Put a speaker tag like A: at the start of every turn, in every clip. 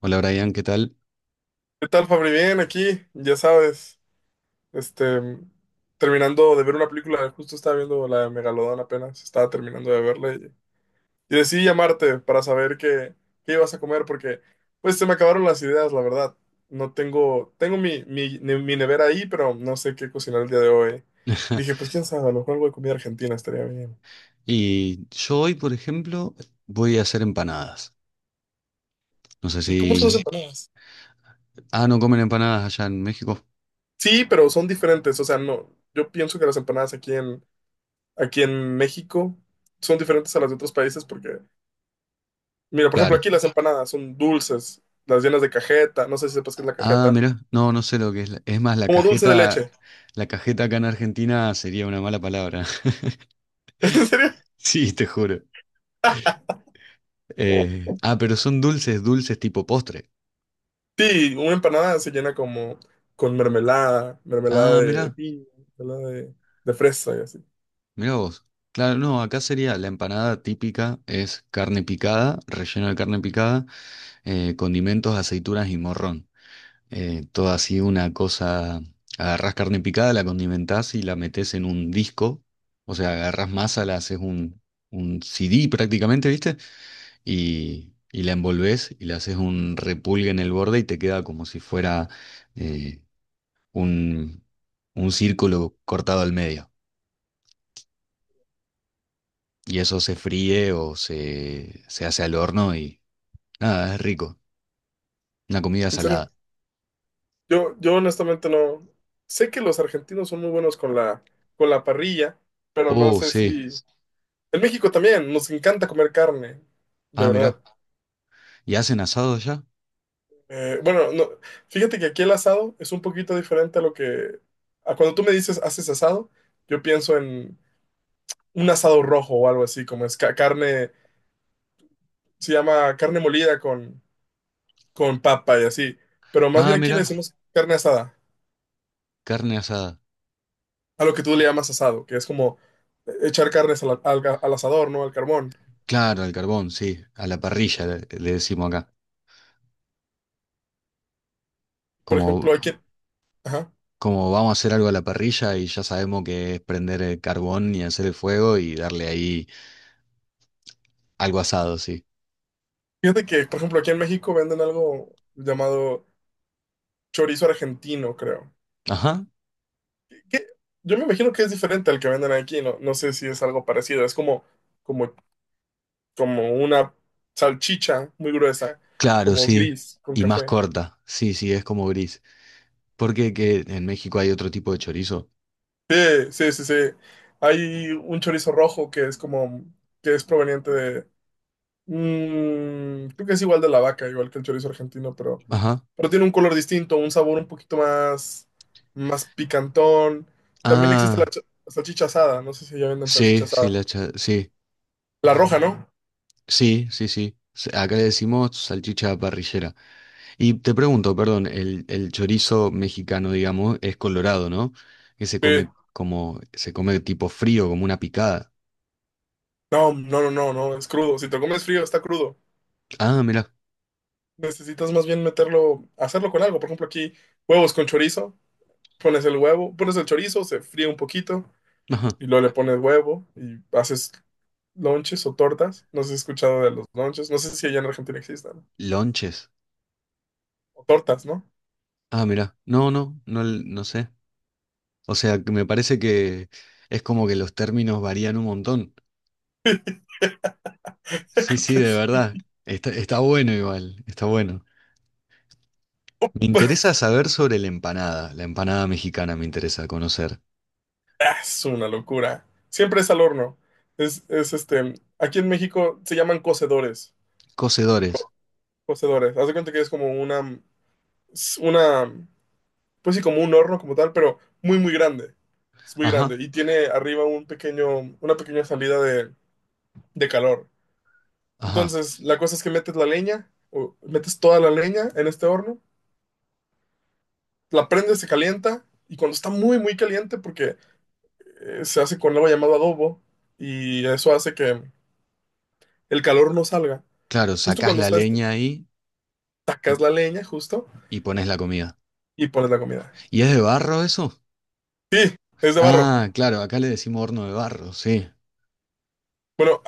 A: Hola Brian, ¿qué tal?
B: ¿Qué tal, Fabri? Bien, aquí, ya sabes, este, terminando de ver una película, justo estaba viendo la de Megalodón apenas, estaba terminando de verla y decidí llamarte para saber qué ibas a comer porque, pues, se me acabaron las ideas, la verdad. No tengo mi nevera ahí, pero no sé qué cocinar el día de hoy. Dije, pues, quién sabe, a lo mejor algo de comida argentina estaría bien.
A: Y yo hoy, por ejemplo, voy a hacer empanadas. No sé
B: ¿Y
A: si...
B: cómo son las empanadas?
A: Ah, ¿no comen empanadas allá en México?
B: Sí, pero son diferentes, o sea, no, yo pienso que las empanadas aquí en México son diferentes a las de otros países porque. Mira, por ejemplo,
A: Claro.
B: aquí las empanadas son dulces, las llenas de cajeta, no sé si sepas qué es la
A: Ah,
B: cajeta,
A: mira, no, no sé lo que es. Es más, la
B: como dulce de
A: cajeta,
B: leche.
A: la cajeta acá en Argentina sería una mala palabra.
B: ¿En serio?
A: Sí, te juro.
B: Ah,
A: Pero son dulces, dulces tipo postre.
B: sí, una empanada se llena como con mermelada, mermelada
A: Ah,
B: de
A: mira,
B: piña, mermelada de fresa y así.
A: mira vos. Claro, no, acá sería la empanada típica, es carne picada, relleno de carne picada, condimentos, aceitunas y morrón. Toda así una cosa, agarrás carne picada, la condimentás y la metés en un disco, o sea, agarrás masa, un CD prácticamente, ¿viste? Y la envolvés y le haces un repulgue en el borde y te queda como si fuera eh, un, un círculo cortado al medio. Y eso se fríe o se hace al horno y nada, es rico. Una comida
B: ¿En serio?
A: salada.
B: Yo honestamente no. Sé que los argentinos son muy buenos con la parrilla, pero no
A: Oh,
B: sé
A: sí.
B: si. En México también nos encanta comer carne, de
A: Ah,
B: verdad.
A: mirá. ¿Y hacen asado allá?
B: Bueno, no, fíjate que aquí el asado es un poquito diferente a lo que. A cuando tú me dices haces asado, yo pienso en un asado rojo o algo así, como es carne, se llama carne molida con papa y así, pero más
A: Ah,
B: bien aquí le
A: mirá.
B: decimos carne asada,
A: Carne asada.
B: a lo que tú le llamas asado, que es como echar carnes al asador, ¿no? Al carbón.
A: Claro, al carbón, sí, a la parrilla le decimos acá.
B: Por
A: Como,
B: ejemplo, aquí. Ajá.
A: como vamos a hacer algo a la parrilla y ya sabemos que es prender el carbón y hacer el fuego y darle ahí algo asado, sí.
B: Fíjate que, por ejemplo, aquí en México venden algo llamado chorizo argentino, creo.
A: Ajá,
B: que- Yo me imagino que es diferente al que venden aquí, no, no sé si es algo parecido, es como, como una salchicha muy gruesa,
A: claro,
B: como
A: sí.
B: gris con
A: Y más
B: café.
A: corta, sí, sí, es como gris. Porque que en México hay otro tipo de chorizo.
B: Sí, sí, sí, sí. Hay un chorizo rojo que es como, que es proveniente de, creo que es igual de la vaca, igual que el chorizo argentino, pero,
A: Ajá.
B: pero tiene un color distinto, un sabor un poquito más, más picantón. También existe la
A: Ah,
B: salchicha asada, no sé si ya venden
A: sí,
B: salchicha
A: sí,
B: asada.
A: sí,
B: La roja, ¿no?
A: sí, sí, sí. Acá le decimos salchicha parrillera. Y te pregunto, perdón, el chorizo mexicano, digamos, es colorado, ¿no? Que se
B: Sí,
A: come como, se come tipo frío, como una picada.
B: no, no, no, no, no, es crudo. Si te lo comes frío, está crudo.
A: Ah, mira,
B: Necesitas más bien meterlo, hacerlo con algo. Por ejemplo, aquí huevos con chorizo. Pones el huevo, pones el chorizo, se fríe un poquito
A: ajá,
B: y luego le pones huevo y haces lonches o tortas. No sé si has escuchado de los lonches. No sé si allá en Argentina existan.
A: lonches.
B: O tortas, ¿no?
A: Ah, mira, no, no, no, no sé. O sea, que me parece que es como que los términos varían un montón. Sí,
B: Creo
A: sí,
B: que
A: de
B: sí.
A: verdad. Está, está bueno igual, está bueno. Me interesa saber sobre la empanada mexicana me interesa conocer.
B: Ah, es una locura. Siempre es al horno. Es este. Aquí en México se llaman cocedores.
A: Cocedores.
B: Cocedores. Haz de cuenta que es como una pues sí, como un horno como tal, pero muy, muy grande. Es muy grande
A: Ajá,
B: y tiene arriba un pequeño, una pequeña salida de calor.
A: ajá.
B: Entonces, la cosa es que metes la leña, o metes toda la leña en este horno, la prendes, se calienta y cuando está muy, muy caliente, porque se hace con algo llamado adobo y eso hace que el calor no salga.
A: Claro,
B: Justo
A: sacás
B: cuando
A: la
B: está,
A: leña ahí. y
B: sacas la leña, justo,
A: Y pones la comida.
B: y pones la comida.
A: ¿Y es de barro eso?
B: Sí, es de barro.
A: Ah, claro, acá le decimos horno de barro, sí.
B: Bueno,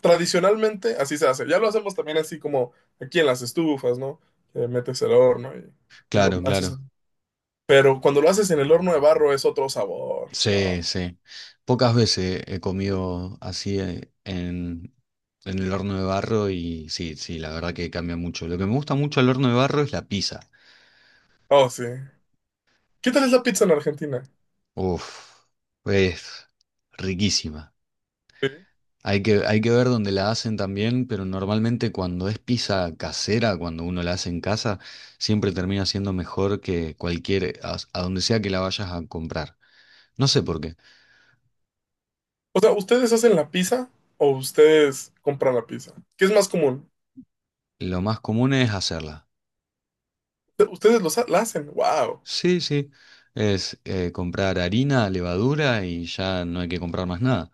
B: tradicionalmente así se hace. Ya lo hacemos también así como aquí en las estufas, ¿no? Que metes el horno y lo
A: Claro,
B: haces.
A: claro.
B: Pero cuando lo haces en el horno de barro es otro sabor.
A: Sí,
B: No.
A: sí. Pocas veces he comido así en el horno de barro y sí, sí, la verdad que cambia mucho. Lo que me gusta mucho al horno de barro es la pizza.
B: Oh, sí. ¿Qué tal es la pizza en Argentina?
A: Uf, es riquísima.
B: Sí.
A: Hay que ver dónde la hacen también, pero normalmente cuando es pizza casera, cuando uno la hace en casa, siempre termina siendo mejor que cualquier, a donde sea que la vayas a comprar. No sé por qué.
B: O sea, ¿ustedes hacen la pizza o ustedes compran la pizza? ¿Qué es más común?
A: Lo más común es hacerla.
B: Ustedes los ha- la hacen. Wow.
A: Sí, sí. Es comprar harina, levadura y ya no hay que comprar más nada.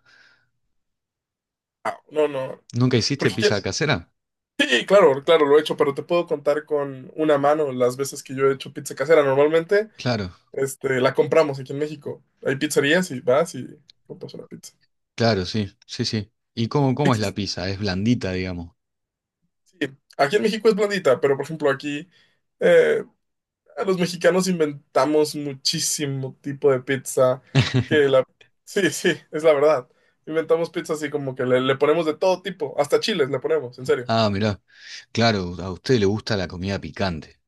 B: No, no.
A: ¿Nunca hiciste
B: Porque que-
A: pizza casera?
B: sí, claro, claro, lo he hecho, pero te puedo contar con una mano las veces que yo he hecho pizza casera. Normalmente
A: Claro,
B: este, la compramos aquí en México. Hay pizzerías y vas y compras una pizza.
A: claro, sí, sí, sí. ¿Y cómo, cómo es la
B: Existe,
A: pizza? Es blandita, digamos.
B: sí. Aquí en México es blandita, pero por ejemplo aquí eh, a los mexicanos inventamos muchísimo tipo de pizza que la. Sí, sí, es la verdad. Inventamos pizza así como que le ponemos de todo tipo, hasta chiles le ponemos, en serio.
A: Ah, mirá. Claro, a usted le gusta la comida picante.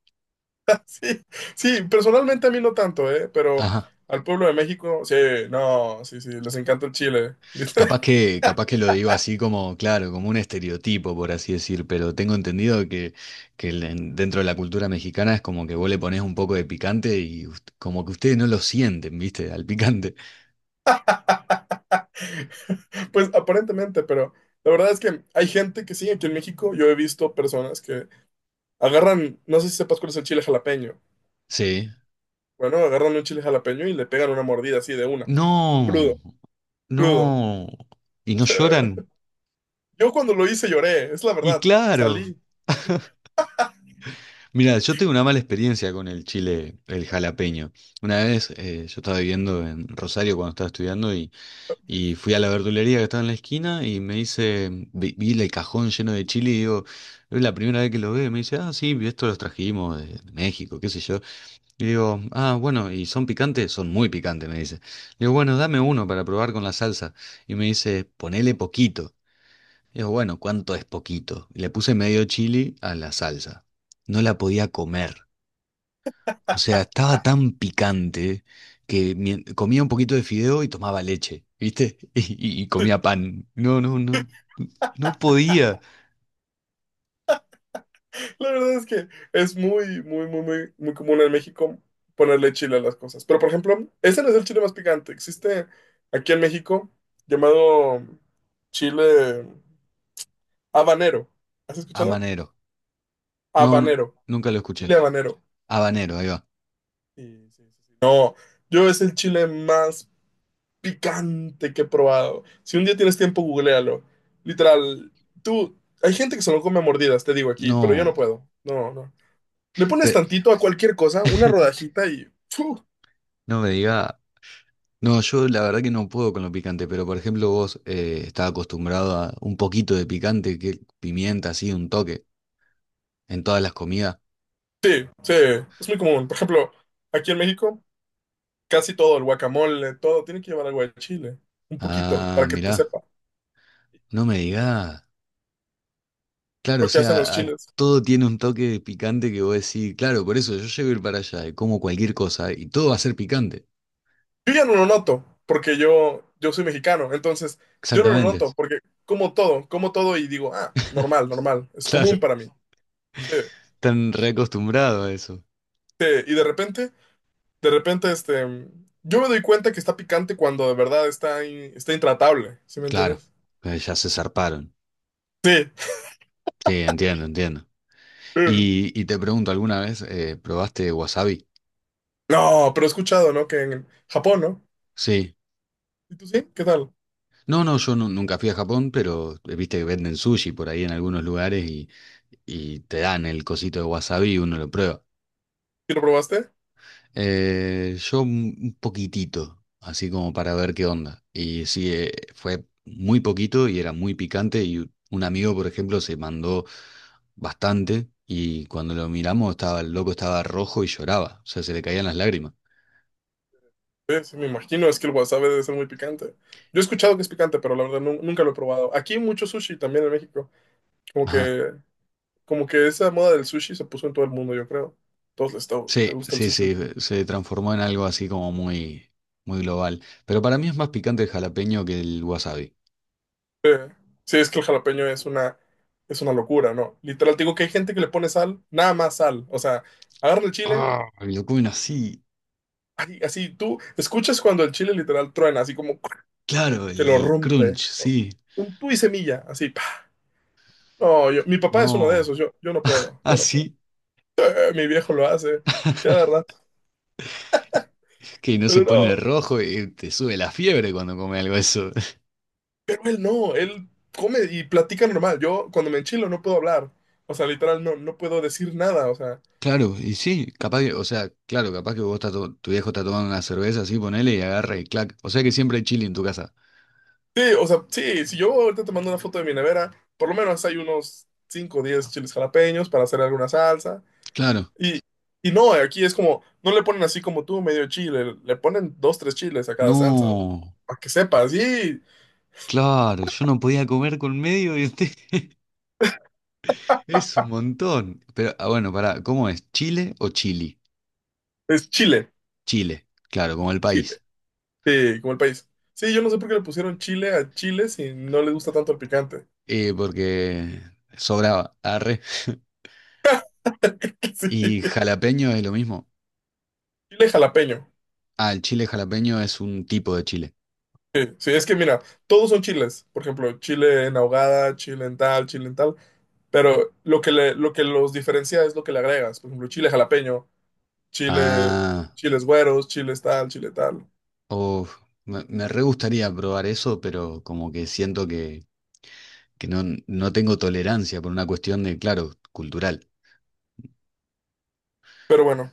B: Sí, sí, personalmente a mí no tanto, ¿eh? Pero
A: Ajá.
B: al pueblo de México, sí, no, sí, sí, les encanta el chile.
A: Capaz que lo digo así como, claro, como un estereotipo, por así decir, pero tengo entendido que dentro de la cultura mexicana es como que vos le ponés un poco de picante y como que ustedes no lo sienten, ¿viste? Al picante.
B: Pues aparentemente, pero la verdad es que hay gente que sí, aquí en México yo he visto personas que agarran, no sé si sepas cuál es el chile jalapeño.
A: Sí.
B: Bueno, agarran un chile jalapeño y le pegan una mordida así de una, crudo,
A: No,
B: crudo.
A: no. ¿Y no lloran?
B: Yo cuando lo hice lloré, es la
A: Y
B: verdad,
A: claro.
B: salí.
A: Mira, yo tengo una mala experiencia con el chile, el jalapeño. Una vez yo estaba viviendo en Rosario cuando estaba estudiando. Y fui a la verdulería que estaba en la esquina y me dice, vi, vi el cajón lleno de chile y digo, es la primera vez que lo ve. Me dice, ah, sí, esto los trajimos de México, qué sé yo. Y digo, ah, bueno, ¿y son picantes? Son muy picantes, me dice. Le digo, bueno, dame uno para probar con la salsa. Y me dice, ponele poquito. Y digo, bueno, ¿cuánto es poquito? Y le puse medio chili a la salsa. No la podía comer. O sea, estaba tan picante que comía un poquito de fideo y tomaba leche, ¿viste? Y comía pan. No, no, no, no podía.
B: La verdad es que es muy, muy, muy, muy, muy común en México ponerle chile a las cosas. Pero por ejemplo, ese no es el chile más picante. Existe aquí en México llamado chile habanero. ¿Has escuchado?
A: Habanero. No, no,
B: Habanero.
A: nunca lo
B: Chile
A: escuché.
B: habanero.
A: Habanero, ahí va.
B: Sí, sí, sí, sí. No, yo es el chile más picante que he probado. Si un día tienes tiempo, googlealo. Literal, tú, hay gente que se lo come a mordidas, te digo aquí, pero yo no
A: No,
B: puedo. No, no. Le pones
A: pe-
B: tantito a cualquier cosa, una rodajita y ¡fu!
A: no me diga. No, yo la verdad que no puedo con lo picante, pero por ejemplo vos estás acostumbrado a un poquito de picante, que pimienta así, un toque, en todas las comidas.
B: Sí, sí, es muy común. Por ejemplo, aquí en México, casi todo, el guacamole, todo, tiene que llevar algo de chile. Un poquito,
A: Ah,
B: para que te
A: mirá,
B: sepa
A: no me digas. Claro, o
B: lo que hacen los
A: sea,
B: chiles.
A: todo tiene un toque picante que vos decís, claro, por eso yo llego a ir para allá y como cualquier cosa y todo va a ser picante.
B: Yo ya no lo noto, porque yo soy mexicano, entonces yo no lo
A: Exactamente.
B: noto, porque como todo y digo, ah, normal, normal, es común
A: Claro,
B: para mí. Sí,
A: están reacostumbrados a eso.
B: sí, y de repente, yo me doy cuenta que está picante cuando de verdad está, está intratable, ¿sí me
A: Claro,
B: entiendes?
A: pues ya se zarparon.
B: Sí.
A: Sí, entiendo, entiendo.
B: Mm.
A: Y te pregunto, ¿alguna vez probaste wasabi?
B: No, pero he escuchado, ¿no? Que en Japón, ¿no?
A: Sí.
B: ¿Y tú sí? ¿Qué tal?
A: No, no, yo nunca fui a Japón, pero viste que venden sushi por ahí en algunos lugares y te dan el cosito de wasabi y uno lo prueba.
B: ¿Sí lo probaste?
A: Yo un poquitito, así como para ver qué onda. Y sí, fue muy poquito y era muy picante y un amigo, por ejemplo, se mandó bastante y cuando lo miramos estaba, el loco estaba rojo y lloraba, o sea, se le caían las lágrimas.
B: Sí, sí, me imagino, es que el wasabi debe ser muy picante. Yo he escuchado que es picante, pero la verdad nunca lo he probado. Aquí hay mucho sushi también en México. Como
A: Ajá.
B: que Como que esa moda del sushi se puso en todo el mundo, yo creo. Todos les
A: Sí,
B: gusta el
A: sí,
B: sushi.
A: sí,
B: Últimamente.
A: se transformó en algo así como muy, muy global. Pero para mí es más picante el jalapeño que el wasabi.
B: Eh, Sí, es que el jalapeño es una locura, ¿no? Literal, te digo que hay gente que le pone sal, nada más sal. O sea, agarra el chile,
A: Ah, y lo comen así.
B: ay, así tú escuchas cuando el chile literal truena, así como
A: Claro,
B: que lo
A: el crunch,
B: rompe, ¿no?
A: sí.
B: Un tú y semilla, así. Pa. No, mi papá es uno de
A: No.
B: esos, yo no puedo,
A: Ah,
B: yo no puedo.
A: sí.
B: Mi viejo lo hace, cada rato.
A: Que no se
B: Pero
A: pone
B: no,
A: rojo y te sube la fiebre cuando come algo eso.
B: pero él no, él come y platica normal. Yo cuando me enchilo no puedo hablar. O sea, literal, no, no puedo decir nada.
A: Claro, y sí, capaz que, o sea, claro, capaz que vos estás tu viejo está tomando una cerveza así, ponele y agarra y clac. O sea que siempre hay chili en tu casa.
B: O sea, sí, si yo ahorita te mando una foto de mi nevera, por lo menos hay unos 5 o 10 chiles jalapeños para hacer alguna salsa.
A: Claro.
B: Y, y no, aquí es como, no le ponen así como tú, medio chile, le ponen dos, tres chiles a cada salsa. Bro.
A: No,
B: Para que sepas, sí,
A: claro, yo no podía comer con medio y usted es un montón. Pero, ah, bueno, pará, ¿cómo es? ¿Chile o chili?
B: es chile,
A: Chile, claro, como el
B: chile,
A: país.
B: sí, como el país. Sí, yo no sé por qué le pusieron chile a chile si no le gusta tanto el picante.
A: Porque sobraba, arre.
B: Sí,
A: ¿Y jalapeño es lo mismo?
B: chile jalapeño.
A: Ah, el chile jalapeño es un tipo de chile.
B: Sí, sí, es que mira, todos son chiles. Por ejemplo, chile en ahogada, chile en tal, chile en tal. Pero lo que los diferencia es lo que le agregas. Por ejemplo, chile jalapeño, chile,
A: Ah.
B: chiles güeros, chiles tal, chile tal.
A: Uf, me re gustaría probar eso, pero como que siento que no, no tengo tolerancia por una cuestión de, claro, cultural.
B: Pero bueno,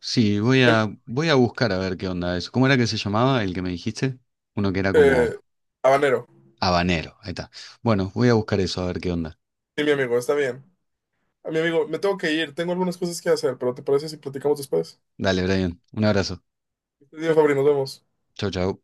A: Sí, voy
B: em,
A: a, voy a buscar a ver qué onda eso. ¿Cómo era que se llamaba el que me dijiste? Uno que era
B: eh,
A: como
B: habanero.
A: habanero. Ahí está. Bueno, voy a buscar eso a ver qué onda.
B: Sí, mi amigo, está bien. A mi amigo, me tengo que ir. Tengo algunas cosas que hacer, pero ¿te parece si platicamos después?
A: Dale, Brian. Un abrazo.
B: Este día, Fabri, nos vemos.
A: Chau, chau.